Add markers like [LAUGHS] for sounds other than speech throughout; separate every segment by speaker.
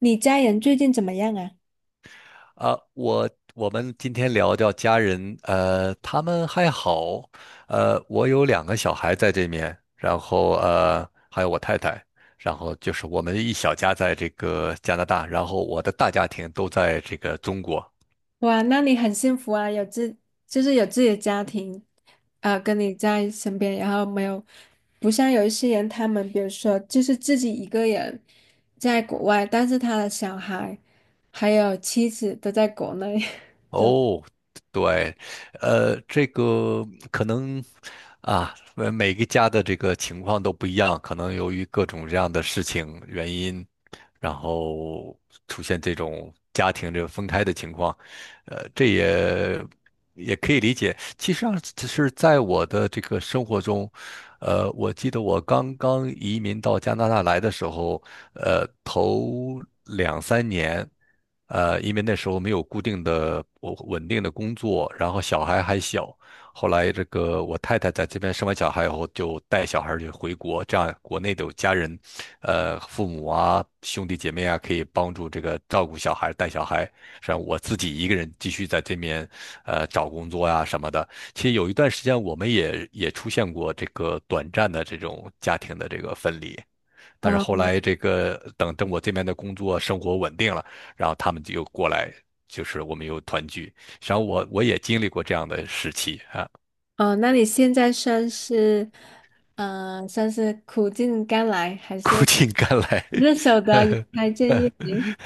Speaker 1: 你家人最近怎么样啊？
Speaker 2: 啊，我们今天聊聊家人。他们还好。我有两个小孩在这面，然后还有我太太，然后就是我们一小家在这个加拿大，然后我的大家庭都在这个中国。
Speaker 1: 哇，那你很幸福啊，有自己的家庭，跟你在身边，然后没有，不像有一些人，他们比如说就是自己一个人在国外，但是他的小孩还有妻子都在国内。[LAUGHS] 就
Speaker 2: 哦，对，这个可能啊，每个家的这个情况都不一样，可能由于各种这样的事情原因，然后出现这种家庭这个分开的情况。这也可以理解。其实上，只是在我的这个生活中，我记得我刚刚移民到加拿大来的时候，头2、3年。因为那时候没有固定的、我稳定的工作，然后小孩还小。后来这个我太太在这边生完小孩以后，就带小孩儿就回国，这样国内的有家人，父母啊、兄弟姐妹啊，可以帮助这个照顾小孩、带小孩。实际上我自己一个人继续在这边，找工作呀、什么的。其实有一段时间，我们也出现过这个短暂的这种家庭的这个分离。但是后
Speaker 1: 嗯
Speaker 2: 来这个等等我这边的工作生活稳定了，然后他们就又过来，就是我们又团聚。实际上我也经历过这样的时期啊。
Speaker 1: 嗯，那你现在算是算是苦尽甘来，还
Speaker 2: 苦
Speaker 1: 是
Speaker 2: 尽甘来。
Speaker 1: [LAUGHS] 日手的也开建议。明？
Speaker 2: [LAUGHS]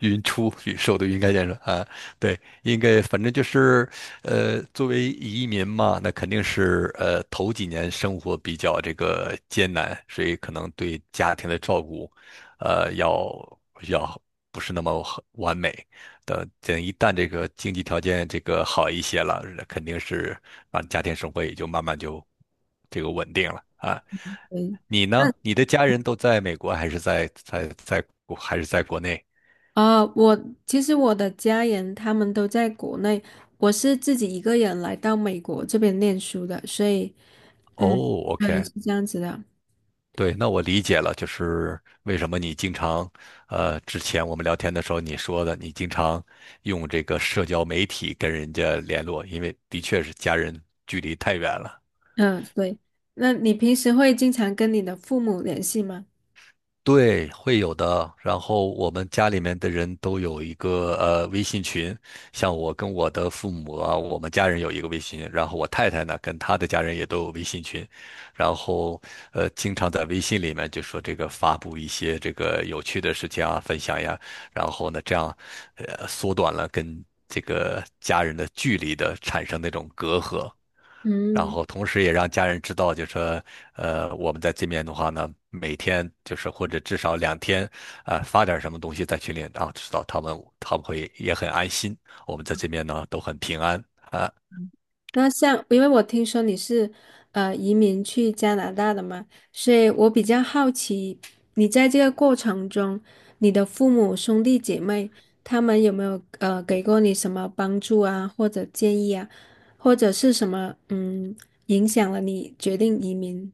Speaker 2: 云出云收都云开见说啊。对，应该反正就是，作为移民嘛，那肯定是头几年生活比较这个艰难，所以可能对家庭的照顾，呃，要要不是那么很完美。等等，一旦这个经济条件这个好一些了，肯定是啊，家庭生活也就慢慢就这个稳定了啊。
Speaker 1: 嗯。
Speaker 2: 你呢？你的家人都在美国，还是在国内？
Speaker 1: 啊，我其实我的家人他们都在国内，我是自己一个人来到美国这边念书的。所以，
Speaker 2: 哦
Speaker 1: 嗯，对，
Speaker 2: ，OK,
Speaker 1: 是这样子的。
Speaker 2: 对，那我理解了，就是为什么你经常，之前我们聊天的时候你说的，你经常用这个社交媒体跟人家联络，因为的确是家人距离太远了。
Speaker 1: 嗯，对。那你平时会经常跟你的父母联系吗？
Speaker 2: 对，会有的。然后我们家里面的人都有一个微信群，像我跟我的父母啊，我们家人有一个微信群，然后我太太呢跟她的家人也都有微信群，然后经常在微信里面就说这个发布一些这个有趣的事情啊，分享呀，然后呢这样缩短了跟这个家人的距离的产生那种隔阂。然
Speaker 1: 嗯。
Speaker 2: 后同时也让家人知道，就说，我们在这边的话呢，每天就是或者至少2天，啊、发点什么东西在群里，然后知道他们会也很安心，我们在这边呢都很平安啊。
Speaker 1: 那像，因为我听说你是移民去加拿大的嘛，所以我比较好奇，你在这个过程中，你的父母兄弟姐妹他们有没有给过你什么帮助啊，或者建议啊，或者是什么嗯影响了你决定移民？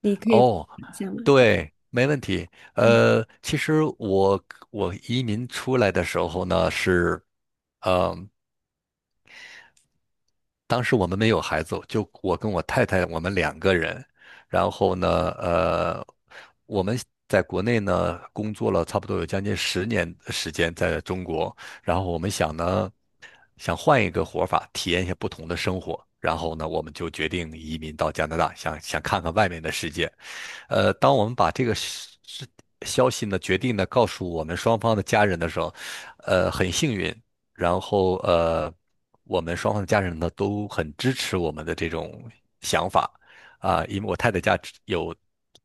Speaker 1: 你可以分
Speaker 2: 哦，
Speaker 1: 享吗？
Speaker 2: 对，没问题。其实我移民出来的时候呢是。嗯。当时我们没有孩子，就我跟我太太，我们两个人。然后呢，呃，我们在国内呢工作了差不多有将近10年的时间，在中国。然后我们想呢，想换一个活法，体验一下不同的生活。然后呢，我们就决定移民到加拿大，想想看看外面的世界。当我们把这个消息呢决定呢告诉我们双方的家人的时候，很幸运，然后我们双方的家人呢都很支持我们的这种想法啊，因为我太太家只有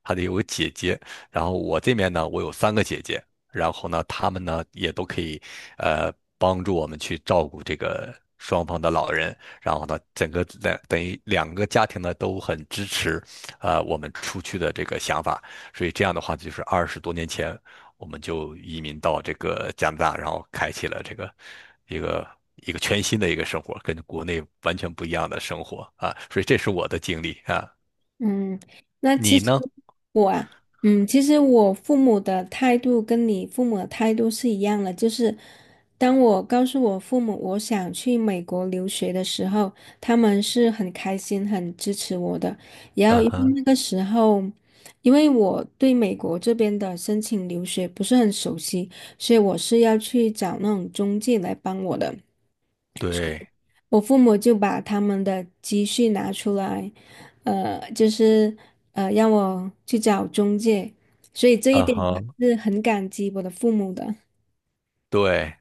Speaker 2: 她的有个姐姐，然后我这边呢我有三个姐姐，然后呢她们呢也都可以呃帮助我们去照顾这个双方的老人。然后呢，整个在等于两个家庭呢都很支持，我们出去的这个想法，所以这样的话就是20多年前我们就移民到这个加拿大，然后开启了这个一个一个全新的一个生活，跟国内完全不一样的生活啊，所以这是我的经历啊。
Speaker 1: 嗯，那其
Speaker 2: 你
Speaker 1: 实
Speaker 2: 呢？
Speaker 1: 我啊，嗯，其实我父母的态度跟你父母的态度是一样的，就是当我告诉我父母我想去美国留学的时候，他们是很开心、很支持我的。然后
Speaker 2: 嗯
Speaker 1: 因为
Speaker 2: 哼。
Speaker 1: 那个时候，因为我对美国这边的申请留学不是很熟悉，所以我是要去找那种中介来帮我的。
Speaker 2: 对。
Speaker 1: 我父母就把他们的积蓄拿出来，呃，就是让我去找中介，所以这一
Speaker 2: 嗯
Speaker 1: 点
Speaker 2: 哼。
Speaker 1: 我是很感激我的父母的。
Speaker 2: 对，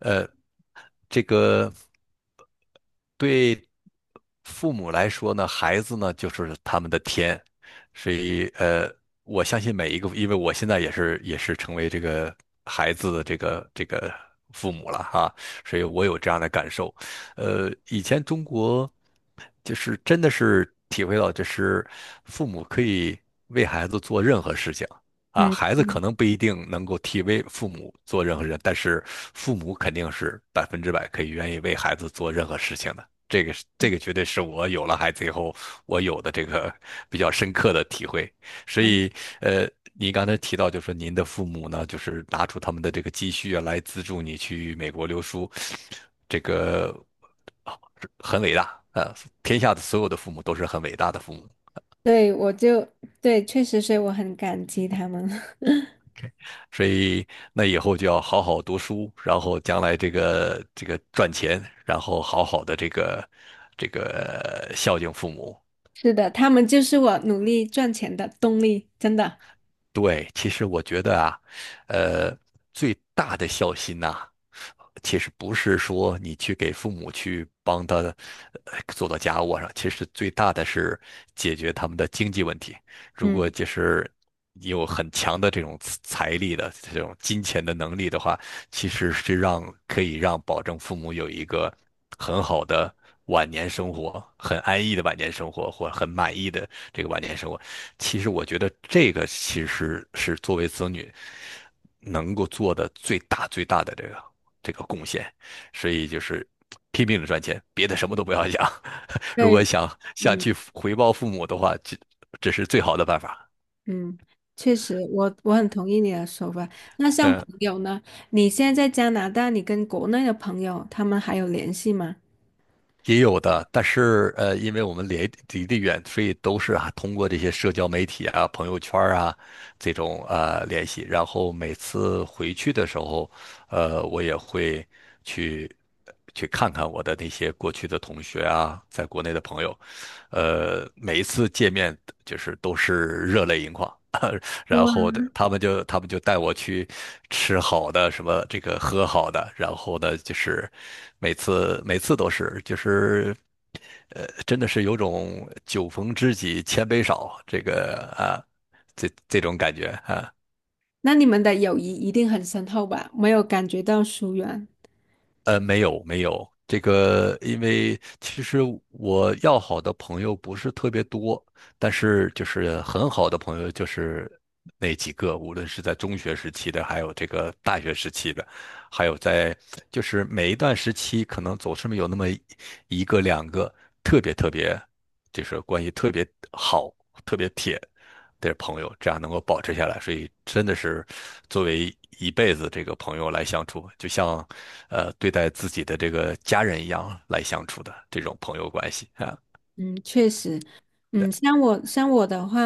Speaker 2: 呃，这个。对父母来说呢，孩子呢就是他们的天，所以我相信每一个，因为我现在也是成为这个孩子的这个父母了哈，所以我有这样的感受。以前中国就是真的是体会到，就是父母可以为孩子做任何事情。啊，
Speaker 1: 嗯，
Speaker 2: 孩子可
Speaker 1: 嗯
Speaker 2: 能不一定能够替为父母做任何事，但是父母肯定是100%可以愿意为孩子做任何事情的。这个是这个绝对是我有了孩子以后我有的这个比较深刻的体会。所以，呃，您刚才提到，就是说您的父母呢，就是拿出他们的这个积蓄啊，来资助你去美国留书，这个很伟大啊！天下的所有的父母都是很伟大的父母，
Speaker 1: 对，对，确实，所以我很感激他们。[LAUGHS]
Speaker 2: 所以那以后就要好好读书，然后将来这个赚钱，然后好好的这个孝敬父母。
Speaker 1: 是的，他们就是我努力赚钱的动力，真的。
Speaker 2: 对，其实我觉得啊，呃，最大的孝心呐、其实不是说你去给父母去帮他做到家务上，其实最大的是解决他们的经济问题。如
Speaker 1: 嗯，
Speaker 2: 果就是你有很强的这种财力的这种金钱的能力的话，其实是让可以让保证父母有一个很好的晚年生活，很安逸的晚年生活，或很满意的这个晚年生活。其实我觉得这个其实是作为子女能够做的最大最大的这个贡献，所以就是拼命的赚钱，别的什么都不要想。[LAUGHS] 如果
Speaker 1: 对，
Speaker 2: 想
Speaker 1: 嗯
Speaker 2: 去回报父母的话，这是最好的办法。
Speaker 1: 嗯，确实，我很同意你的说法。那像朋
Speaker 2: 嗯。
Speaker 1: 友呢？你现在在加拿大，你跟国内的朋友他们还有联系吗？
Speaker 2: 也有的，但是因为我们离得远，所以都是啊通过这些社交媒体啊、朋友圈儿啊这种联系。然后每次回去的时候，我也会去去看看我的那些过去的同学啊，在国内的朋友。每一次见面就是都是热泪盈眶。然后的他们就带我去吃好的，什么这个喝好的，然后呢就是每次都是就是。真的是有种酒逢知己千杯少，这个啊，这种感觉啊。
Speaker 1: 那你们的友谊一定很深厚吧？没有感觉到疏远。
Speaker 2: 没有没有，这个因为其实我要好的朋友不是特别多，但是就是很好的朋友就是那几个，无论是在中学时期的，还有这个大学时期的，还有在就是每一段时期，可能总是有那么一个两个特别特别，就是关系特别好、特别铁的朋友，这样能够保持下来。所以真的是作为一辈子这个朋友来相处，就像对待自己的这个家人一样来相处的这种朋友关系啊。
Speaker 1: 嗯，确实。
Speaker 2: 对。
Speaker 1: 嗯，像我的话，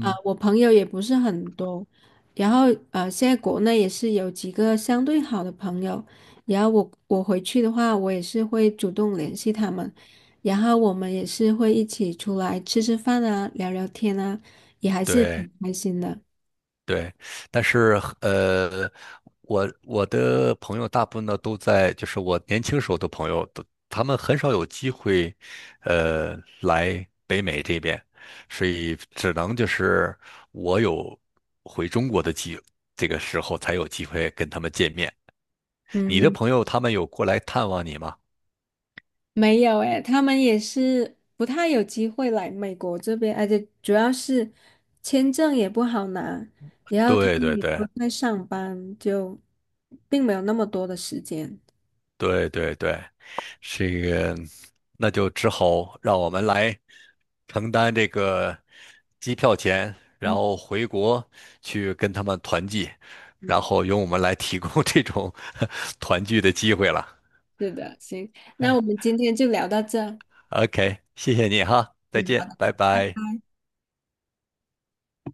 Speaker 1: 呃，我朋友也不是很多，然后呃，现在国内也是有几个相对好的朋友，然后我回去的话，我也是会主动联系他们，然后我们也是会一起出来吃吃饭啊，聊聊天啊，也还是挺
Speaker 2: 对，
Speaker 1: 开心的。
Speaker 2: 对，但是我的朋友大部分呢都在，就是我年轻时候的朋友，都他们很少有机会，来北美这边，所以只能就是我有回中国的机，这个时候才有机会跟他们见面。你的
Speaker 1: 嗯。
Speaker 2: 朋友他们有过来探望你吗？
Speaker 1: 没有诶，他们也是不太有机会来美国这边，而且主要是签证也不好拿，然后他
Speaker 2: 对
Speaker 1: 们
Speaker 2: 对
Speaker 1: 也
Speaker 2: 对。
Speaker 1: 不太上班，就并没有那么多的时间。
Speaker 2: 对对对，这个那就只好让我们来承担这个机票钱，然后回国去跟他们团聚，然
Speaker 1: 嗯，
Speaker 2: 后由我们来提供 [LAUGHS] 这种团聚的机会了。
Speaker 1: 是的，行，那我们今天就聊到这。
Speaker 2: OK,谢谢你哈，再
Speaker 1: 嗯，好
Speaker 2: 见，
Speaker 1: 的。
Speaker 2: 拜拜。